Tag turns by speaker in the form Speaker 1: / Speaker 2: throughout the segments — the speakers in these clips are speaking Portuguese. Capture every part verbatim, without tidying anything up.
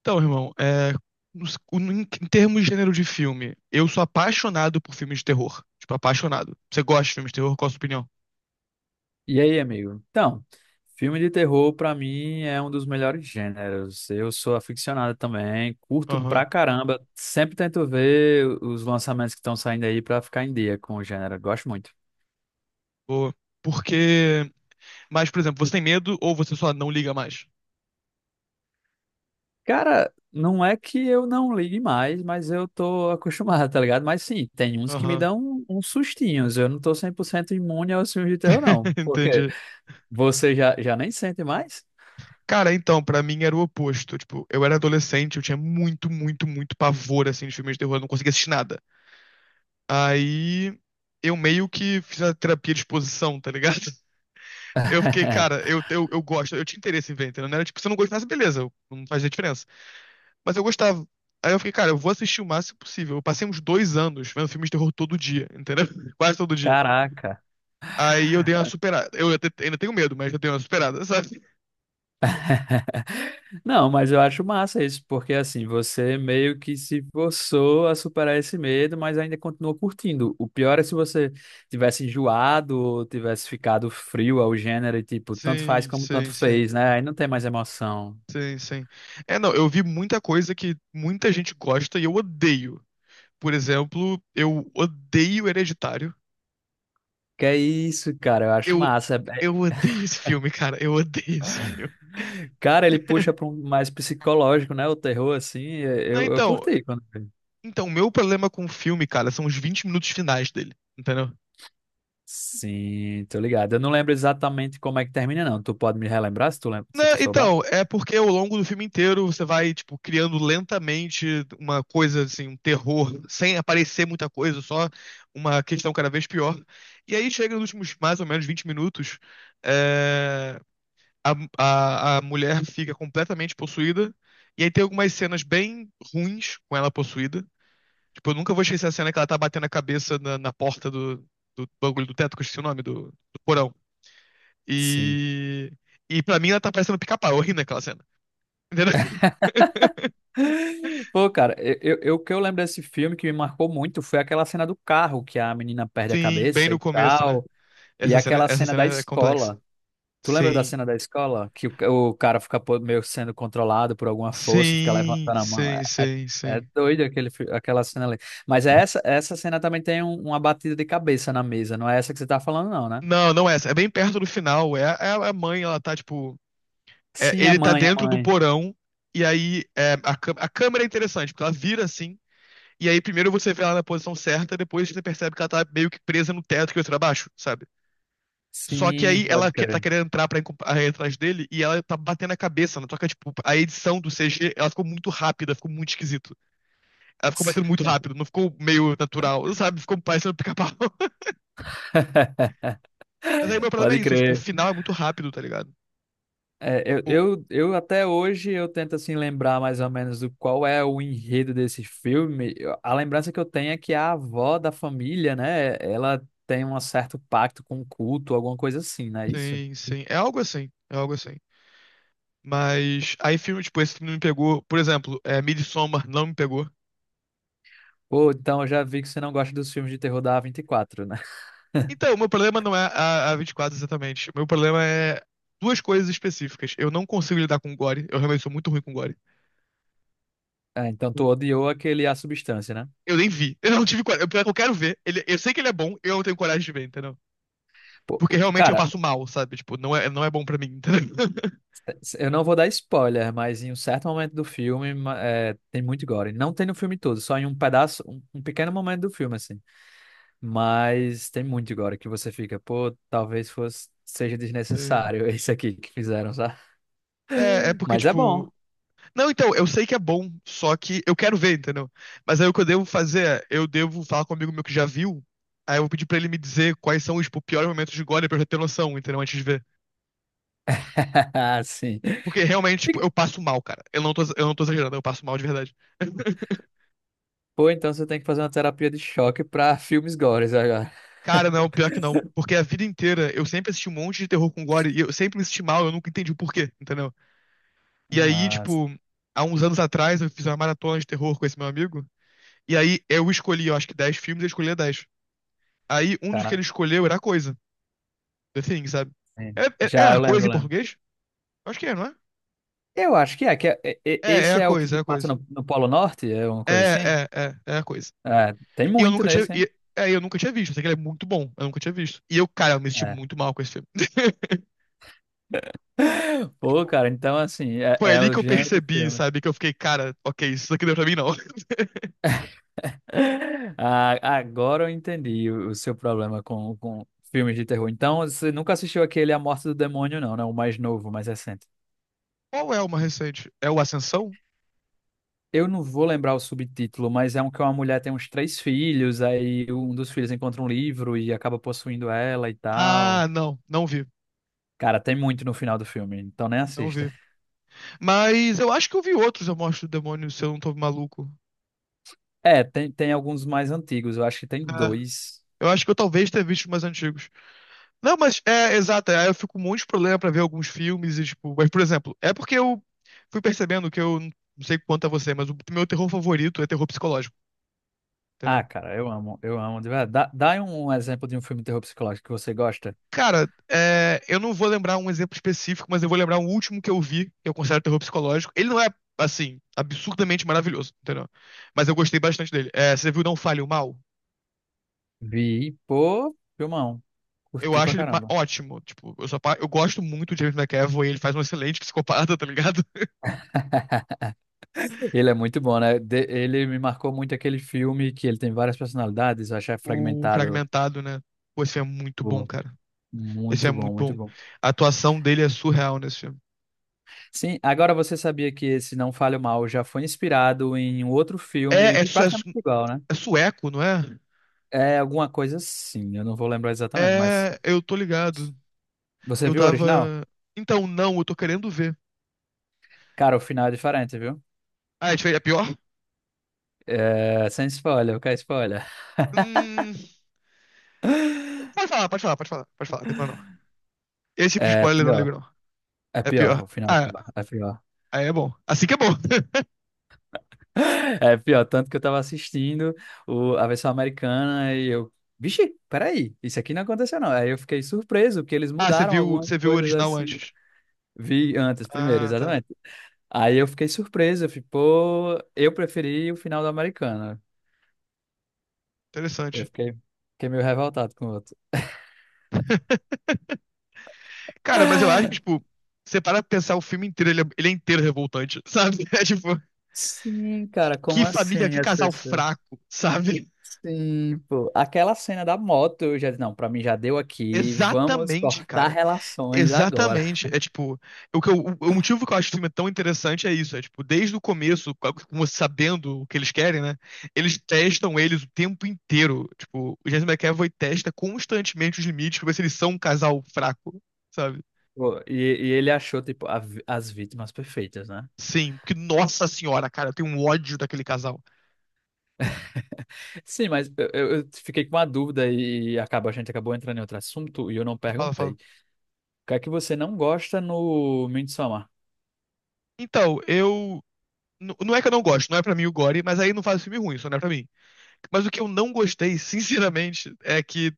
Speaker 1: Então, irmão, é, nos- em em termos de gênero de filme, eu sou apaixonado por filmes de terror. Tipo, apaixonado. Você gosta de filmes de terror? Qual a sua opinião?
Speaker 2: E aí, amigo? Então, filme de terror pra mim é um dos melhores gêneros. Eu sou aficionado também, curto pra
Speaker 1: Aham,
Speaker 2: caramba. Sempre tento ver os lançamentos que estão saindo aí pra ficar em dia com o gênero. Gosto muito.
Speaker 1: boa. Porque. Mas, por exemplo, você tem medo ou você só não liga mais?
Speaker 2: Cara, não é que eu não ligue mais, mas eu tô acostumado, tá ligado? Mas sim, tem uns que me
Speaker 1: Aham,
Speaker 2: dão um, uns sustinhos. Eu não tô cem por cento imune aos filmes de terror, não. Porque
Speaker 1: entendi.
Speaker 2: você já, já nem sente mais?
Speaker 1: Cara, então, pra mim era o oposto. Tipo, eu era adolescente, eu tinha muito, muito, muito pavor, assim, de filmes de terror, eu não conseguia assistir nada. Aí. Eu meio que fiz a terapia de exposição, tá ligado? Eu fiquei, cara, eu, eu, eu gosto, eu tinha interesse em ver, entendeu? Não era tipo, se eu não gostasse, beleza, não fazia diferença. Mas eu gostava. Aí eu fiquei, cara, eu vou assistir o máximo possível. Eu passei uns dois anos vendo filmes de terror todo dia, entendeu? Quase todo dia.
Speaker 2: Caraca.
Speaker 1: Aí eu dei uma superada. Eu até- ainda tenho medo, mas eu dei uma superada, sabe?
Speaker 2: Não, mas eu acho massa isso, porque assim, você meio que se forçou a superar esse medo, mas ainda continua curtindo. O pior é se você tivesse enjoado ou tivesse ficado frio ao gênero e tipo, tanto faz
Speaker 1: Sim,
Speaker 2: como tanto
Speaker 1: sim, sim.
Speaker 2: fez, né? Aí não tem mais emoção.
Speaker 1: Sim, sim. É, não, eu vi muita coisa que muita gente gosta e eu odeio. Por exemplo, eu odeio Hereditário.
Speaker 2: Que é isso, cara, eu acho
Speaker 1: Eu,
Speaker 2: massa. É- é-
Speaker 1: eu odeio esse filme, cara. Eu odeio esse filme.
Speaker 2: Cara, ele puxa para um mais psicológico, né? O terror, assim, é-
Speaker 1: Não,
Speaker 2: eu, eu
Speaker 1: então,
Speaker 2: curti quando vi.
Speaker 1: Então, o meu problema com o filme, cara, são os vinte minutos finais dele, entendeu?
Speaker 2: Sim, tô ligado. Eu não lembro exatamente como é que termina, não. Tu pode me relembrar se tu lembra, se
Speaker 1: Não,
Speaker 2: tu souber?
Speaker 1: então, é porque ao longo do filme inteiro você vai, tipo, criando lentamente uma coisa, assim, um terror, sem aparecer muita coisa, só uma questão cada vez pior. E aí chega nos últimos mais ou menos vinte minutos, é, a, a, a mulher fica completamente possuída, e aí tem algumas cenas bem ruins com ela possuída. Tipo, eu nunca vou esquecer a cena que ela tá batendo a cabeça na, na porta do, do bagulho do teto, que eu esqueci o nome, do, do porão.
Speaker 2: Sim.
Speaker 1: E. E pra mim ela tá parecendo um pica-pau, eu ri naquela cena. Entendeu?
Speaker 2: Pô, cara, eu, eu, o que eu lembro desse filme que me marcou muito foi aquela cena do carro que a menina perde a
Speaker 1: Sim, bem
Speaker 2: cabeça
Speaker 1: no
Speaker 2: e
Speaker 1: começo, né?
Speaker 2: tal, e
Speaker 1: Essa cena,
Speaker 2: aquela
Speaker 1: essa
Speaker 2: cena da
Speaker 1: cena é complexa.
Speaker 2: escola. Tu lembra da
Speaker 1: Sim.
Speaker 2: cena da escola? Que o, o cara fica po- meio sendo controlado por alguma força e fica
Speaker 1: Sim,
Speaker 2: levantando a mão. É,
Speaker 1: sim,
Speaker 2: é,
Speaker 1: sim,
Speaker 2: é
Speaker 1: sim.
Speaker 2: doido aquele, fi- aquela cena ali. Mas essa, essa cena também tem um- uma batida de cabeça na mesa, não é essa que você tá falando, não, né?
Speaker 1: Não, não é essa. É bem perto do final. É, é a mãe, ela tá, tipo. É,
Speaker 2: Sim, a
Speaker 1: ele tá
Speaker 2: mãe, a
Speaker 1: dentro do
Speaker 2: mãe.
Speaker 1: porão. E aí é, a, câ- a câmera é interessante, porque ela vira assim. E aí primeiro você vê ela na posição certa, depois você percebe que ela tá meio que presa no teto que vai pra baixo, sabe? Só que
Speaker 2: Sim,
Speaker 1: aí
Speaker 2: pode
Speaker 1: ela que- tá
Speaker 2: crer.
Speaker 1: querendo entrar pra ir com- aí atrás dele e ela tá batendo a cabeça, né? Só que, tipo, a edição do C G, ela ficou muito rápida, ficou muito esquisito. Ela ficou batendo muito rápido, não ficou meio natural, sabe? Ficou parecendo pica-pau. Mas aí o meu problema é
Speaker 2: Pode
Speaker 1: isso, é, tipo, o
Speaker 2: crer.
Speaker 1: final é muito rápido, tá ligado?
Speaker 2: É, eu,
Speaker 1: Tipo,
Speaker 2: eu, eu até hoje eu tento assim lembrar mais ou menos do qual é o enredo desse filme. Eu- A lembrança que eu tenho é que a avó da família, né, ela tem um certo pacto com o culto, alguma coisa assim, não é isso?
Speaker 1: sim, sim. É algo assim, é algo assim. Mas aí filme, tipo, esse filme me pegou, por exemplo, é, Midsommar não me pegou.
Speaker 2: Pô, então eu já vi que você não gosta dos filmes de terror da a vinte e quatro, né?
Speaker 1: Então, o meu problema não é a, a vinte e quatro exatamente. O meu problema é duas coisas específicas. Eu não consigo lidar com gore, eu realmente sou muito ruim com gore.
Speaker 2: É, então tu odiou aquele A Substância, né?
Speaker 1: Eu nem vi. Eu não tive coragem. Eu, eu quero ver. Ele, eu sei que ele é bom, eu não tenho coragem de ver, entendeu?
Speaker 2: Pô,
Speaker 1: Porque
Speaker 2: o-
Speaker 1: realmente eu
Speaker 2: cara,
Speaker 1: passo mal, sabe? Tipo, não é, não é bom pra mim, entendeu?
Speaker 2: eu não vou dar spoiler, mas em um certo momento do filme ma- é, tem muito gore. Não tem no filme todo, só em um pedaço, um, um pequeno momento do filme, assim. Mas tem muito agora que você fica, pô, talvez fosse, seja
Speaker 1: Sei.
Speaker 2: desnecessário isso aqui que fizeram, sabe?
Speaker 1: É, é porque,
Speaker 2: Mas é bom.
Speaker 1: tipo. Não, então, eu sei que é bom, só que eu quero ver, entendeu? Mas aí o que eu devo fazer é, eu devo falar com um amigo meu que já viu, aí eu vou pedir pra ele me dizer quais são os, tipo, piores momentos de gore pra eu já ter noção, entendeu? Antes de ver.
Speaker 2: Sim.
Speaker 1: Porque realmente, tipo,
Speaker 2: Fica-
Speaker 1: eu passo mal, cara. Eu não tô, eu não tô exagerando, eu passo mal de verdade.
Speaker 2: Pô, então você tem que fazer uma terapia de choque pra filmes gores agora.
Speaker 1: Cara, não, pior que não. Porque a vida inteira eu sempre assisti um monte de terror com gore e eu sempre me senti mal, eu nunca entendi o porquê, entendeu? E aí,
Speaker 2: Nossa,
Speaker 1: tipo, há uns anos atrás eu fiz uma maratona de terror com esse meu amigo. E aí eu escolhi, eu acho que dez filmes, ele escolhia dez. Aí um dos que
Speaker 2: caraca.
Speaker 1: ele escolheu era a coisa, The Thing, sabe?
Speaker 2: Sim.
Speaker 1: É, é, é
Speaker 2: Já,
Speaker 1: a
Speaker 2: eu lembro,
Speaker 1: coisa em
Speaker 2: eu lembro.
Speaker 1: português? Acho que é, não é?
Speaker 2: Eu acho que é, que é- é- é-
Speaker 1: É, é
Speaker 2: esse
Speaker 1: a
Speaker 2: é o
Speaker 1: coisa, é
Speaker 2: que
Speaker 1: a
Speaker 2: passa
Speaker 1: coisa.
Speaker 2: no, no Polo Norte, é uma
Speaker 1: É,
Speaker 2: coisa assim?
Speaker 1: é, é, é a coisa.
Speaker 2: É, tem
Speaker 1: E eu
Speaker 2: muito
Speaker 1: nunca tinha.
Speaker 2: nesse, hein?
Speaker 1: E, é, eu nunca tinha visto. Eu sei que ele é muito bom. Eu nunca tinha visto. E eu, cara, eu me senti
Speaker 2: É.
Speaker 1: muito mal com esse filme.
Speaker 2: Pô, cara, então assim, é,
Speaker 1: Foi
Speaker 2: é
Speaker 1: ali
Speaker 2: o
Speaker 1: que eu
Speaker 2: gênero do
Speaker 1: percebi,
Speaker 2: filme.
Speaker 1: sabe? Que eu fiquei, cara, ok, isso daqui não é pra mim, não.
Speaker 2: Ah, agora eu entendi o o seu problema com, com filmes de terror. Então, você nunca assistiu aquele A Morte do Demônio, não, né? O mais novo, o mais recente.
Speaker 1: Qual é uma recente? É o Ascensão?
Speaker 2: Eu não vou lembrar o subtítulo, mas é um que uma mulher tem uns três filhos, aí um dos filhos encontra um livro e acaba possuindo ela e tal.
Speaker 1: Ah, não, não vi,
Speaker 2: Cara, tem muito no final do filme, então nem
Speaker 1: não
Speaker 2: assista.
Speaker 1: vi. Mas eu acho que eu vi outros Eu Mostro o Demônio, se eu não tô maluco.
Speaker 2: É, tem, tem alguns mais antigos, eu acho que tem
Speaker 1: É,
Speaker 2: dois.
Speaker 1: eu acho que eu talvez tenha visto os mais antigos. Não, mas é, exato, aí eu fico com um monte de problema pra ver alguns filmes e, tipo... Mas, por exemplo, é porque eu fui percebendo que eu... Não sei quanto a você, mas o meu terror favorito é terror psicológico,
Speaker 2: Ah,
Speaker 1: entendeu?
Speaker 2: cara, eu amo, eu amo, de verdade. Dá, dá um exemplo de um filme de terror psicológico que você gosta.
Speaker 1: Cara, é, eu não vou lembrar um exemplo específico, mas eu vou lembrar um último que eu vi, que eu considero terror psicológico. Ele não é, assim, absurdamente maravilhoso, entendeu? Mas eu gostei bastante dele. É, você viu Não Fale o Mal?
Speaker 2: Vi, pô, filmão.
Speaker 1: Eu
Speaker 2: Curti pra
Speaker 1: acho ele ma-
Speaker 2: caramba.
Speaker 1: Ótimo. Tipo, eu, sou apa- eu gosto muito de James McAvoy, ele faz um excelente psicopata, tá ligado?
Speaker 2: Ele é muito bom, né? De- ele me marcou muito aquele filme que ele tem várias personalidades, eu achei
Speaker 1: O
Speaker 2: fragmentado.
Speaker 1: Fragmentado, né? Pô, esse é muito bom,
Speaker 2: Pô,
Speaker 1: cara. Esse
Speaker 2: muito
Speaker 1: é
Speaker 2: bom,
Speaker 1: muito
Speaker 2: muito
Speaker 1: bom.
Speaker 2: bom.
Speaker 1: A atuação dele é surreal nesse filme.
Speaker 2: Sim, agora você sabia que esse Não Fale Mal já foi inspirado em um outro filme
Speaker 1: É, é, su- é
Speaker 2: praticamente
Speaker 1: su-
Speaker 2: igual, né?
Speaker 1: É sueco, não é?
Speaker 2: É alguma coisa assim, eu não vou lembrar exatamente, mas
Speaker 1: É, eu tô ligado.
Speaker 2: você
Speaker 1: Eu
Speaker 2: viu o
Speaker 1: tava.
Speaker 2: original?
Speaker 1: Então, não, eu tô querendo ver.
Speaker 2: Cara, o final é diferente, viu?
Speaker 1: Ah, a gente fez a pior?
Speaker 2: É, sem spoiler, eu quero spoiler.
Speaker 1: Hum, pode falar, pode falar, pode falar, pode falar, não tem problema não. Esse tipo de
Speaker 2: É
Speaker 1: spoiler eu não
Speaker 2: pior,
Speaker 1: ligo não.
Speaker 2: é
Speaker 1: É
Speaker 2: pior,
Speaker 1: pior.
Speaker 2: o final é
Speaker 1: Ah,
Speaker 2: pior, é pior.
Speaker 1: aí é bom. Assim que é bom.
Speaker 2: É pior, tanto que eu tava assistindo o- a versão americana e eu, vixe, peraí, isso aqui não aconteceu não. Aí eu fiquei surpreso que eles
Speaker 1: Ah, você
Speaker 2: mudaram
Speaker 1: viu,
Speaker 2: algumas
Speaker 1: você viu o
Speaker 2: coisas
Speaker 1: original
Speaker 2: assim.
Speaker 1: antes.
Speaker 2: Vi antes, primeiro,
Speaker 1: Ah, tá.
Speaker 2: exatamente. Aí eu fiquei surpreso, eu fiquei, pô, eu preferi o final da americana. Eu
Speaker 1: Interessante.
Speaker 2: fiquei, fiquei meio revoltado com o outro.
Speaker 1: Cara, mas eu acho que, tipo, você para pra pensar o filme inteiro, ele é, ele é inteiro revoltante, sabe? É tipo,
Speaker 2: Sim, cara,
Speaker 1: que
Speaker 2: como
Speaker 1: família,
Speaker 2: assim
Speaker 1: que
Speaker 2: as
Speaker 1: casal
Speaker 2: pessoas?
Speaker 1: fraco, sabe?
Speaker 2: Sim, pô. Aquela cena da moto, eu já disse, não, pra mim já deu aqui, vamos
Speaker 1: Exatamente,
Speaker 2: cortar
Speaker 1: cara.
Speaker 2: relações agora.
Speaker 1: Exatamente. É tipo, o, que eu- o motivo que eu acho o filme tão interessante é isso. É tipo, desde o começo, com com você sabendo o que eles querem, né? Eles testam eles o tempo inteiro. Tipo, o James McAvoy testa constantemente os limites pra ver se eles são um casal fraco, sabe?
Speaker 2: Pô, E, e ele achou, tipo, a vi- as vítimas perfeitas, né?
Speaker 1: Sim, porque, nossa senhora, cara, eu tenho um ódio daquele casal.
Speaker 2: Sim, mas eu, eu- eu fiquei com uma dúvida e acaba, a gente acabou entrando em outro assunto e eu não
Speaker 1: Fala,
Speaker 2: perguntei.
Speaker 1: fala.
Speaker 2: O que é que você não gosta no Midsommar?
Speaker 1: Então, eu. N- Não é que eu não gosto, não é pra mim o Gore, mas aí não faz filme ruim, só não é pra mim. Mas o que eu não gostei, sinceramente, é que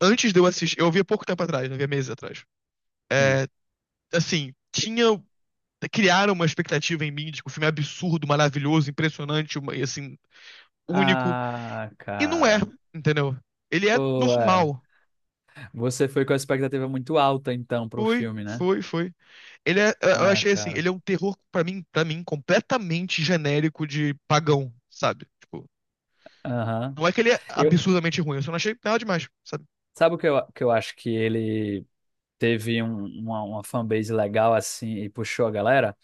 Speaker 1: antes de eu assistir, eu vi há pouco tempo atrás, né? Eu vi há meses atrás.
Speaker 2: Sim.
Speaker 1: Assim, tinha. Criaram uma expectativa em mim de que o filme é absurdo, maravilhoso, impressionante, assim, único.
Speaker 2: Ah,
Speaker 1: E não é,
Speaker 2: cara.
Speaker 1: entendeu? Ele é
Speaker 2: Pô, é.
Speaker 1: normal.
Speaker 2: Você foi com a expectativa muito alta, então, pro
Speaker 1: Foi,
Speaker 2: filme, né?
Speaker 1: foi, foi. Ele é, eu
Speaker 2: Ah,
Speaker 1: achei assim,
Speaker 2: cara.
Speaker 1: ele é um terror pra mim, para mim completamente genérico de pagão, sabe? Tipo,
Speaker 2: Aham.
Speaker 1: não é que ele é
Speaker 2: Eu,
Speaker 1: absurdamente ruim, eu só não achei nada demais, sabe?
Speaker 2: sabe o que eu, que eu acho que ele teve um- uma, uma fanbase legal, assim, e puxou a galera?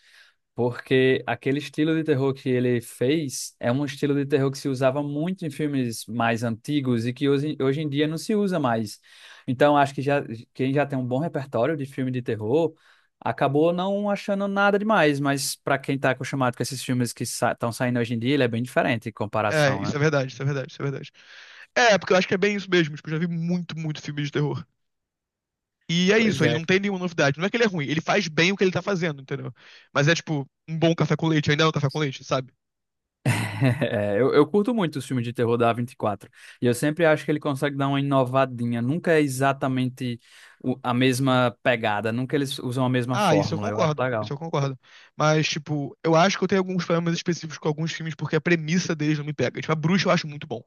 Speaker 2: Porque aquele estilo de terror que ele fez é um estilo de terror que se usava muito em filmes mais antigos e que hoje, hoje em dia não se usa mais. Então, acho que já, quem já tem um bom repertório de filme de terror acabou não achando nada demais, mas para quem está acostumado com esses filmes que estão saindo hoje em dia, ele é bem diferente em
Speaker 1: É,
Speaker 2: comparação,
Speaker 1: isso
Speaker 2: né?
Speaker 1: é verdade, isso é verdade, isso é verdade. É, porque eu acho que é bem isso mesmo, tipo, eu já vi muito, muito filme de terror. E é
Speaker 2: Pois
Speaker 1: isso, ele
Speaker 2: é.
Speaker 1: não tem nenhuma novidade. Não é que ele é ruim, ele faz bem o que ele tá fazendo, entendeu? Mas é tipo, um bom café com leite ainda é um café com leite, sabe?
Speaker 2: É, eu, eu curto muito os filmes de terror da A vinte e quatro. E quatro. E eu sempre acho que ele consegue dar uma inovadinha. Nunca é exatamente o- a mesma pegada. Nunca eles usam a mesma
Speaker 1: Ah, isso eu
Speaker 2: fórmula. Eu acho
Speaker 1: concordo, isso
Speaker 2: legal.
Speaker 1: eu concordo. Mas, tipo, eu acho que eu tenho alguns problemas específicos com alguns filmes porque a premissa deles não me pega. Tipo, a Bruxa eu acho muito bom.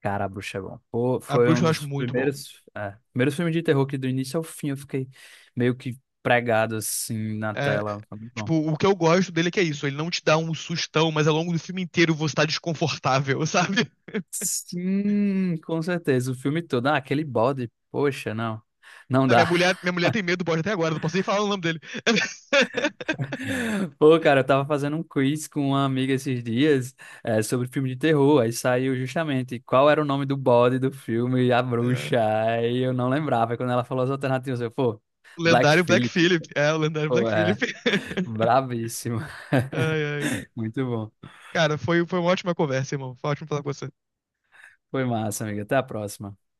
Speaker 2: Cara, a Bruxa é bom. Pô,
Speaker 1: A
Speaker 2: foi um
Speaker 1: Bruxa eu acho
Speaker 2: dos
Speaker 1: muito bom.
Speaker 2: primeiros, é, primeiros filmes de terror que do início ao fim eu fiquei meio que pregado assim na
Speaker 1: É,
Speaker 2: tela. Foi muito bom.
Speaker 1: tipo, o que eu gosto dele é que é isso, ele não te dá um sustão, mas ao longo do filme inteiro você tá desconfortável, sabe?
Speaker 2: Sim, com certeza. O filme todo. Ah, aquele bode. Poxa, não. Não
Speaker 1: Minha
Speaker 2: dá.
Speaker 1: mulher, minha mulher tem medo do bode até agora, não posso nem falar o nome dele.
Speaker 2: Pô, cara, eu tava fazendo um quiz com uma amiga esses dias, eh, sobre filme de terror. Aí saiu justamente qual era o nome do bode do filme A
Speaker 1: É,
Speaker 2: Bruxa. Aí eu não lembrava. Aí quando ela falou as alternativas, eu, pô,
Speaker 1: o
Speaker 2: Black
Speaker 1: lendário Black
Speaker 2: Phillip.
Speaker 1: Phillip. É, o lendário
Speaker 2: Pô,
Speaker 1: Black Phillip.
Speaker 2: é, brabíssimo.
Speaker 1: Ai, ai.
Speaker 2: Muito bom.
Speaker 1: Cara, foi, foi uma ótima conversa, irmão. Foi ótimo falar com você.
Speaker 2: Foi massa, amiga. Até a próxima.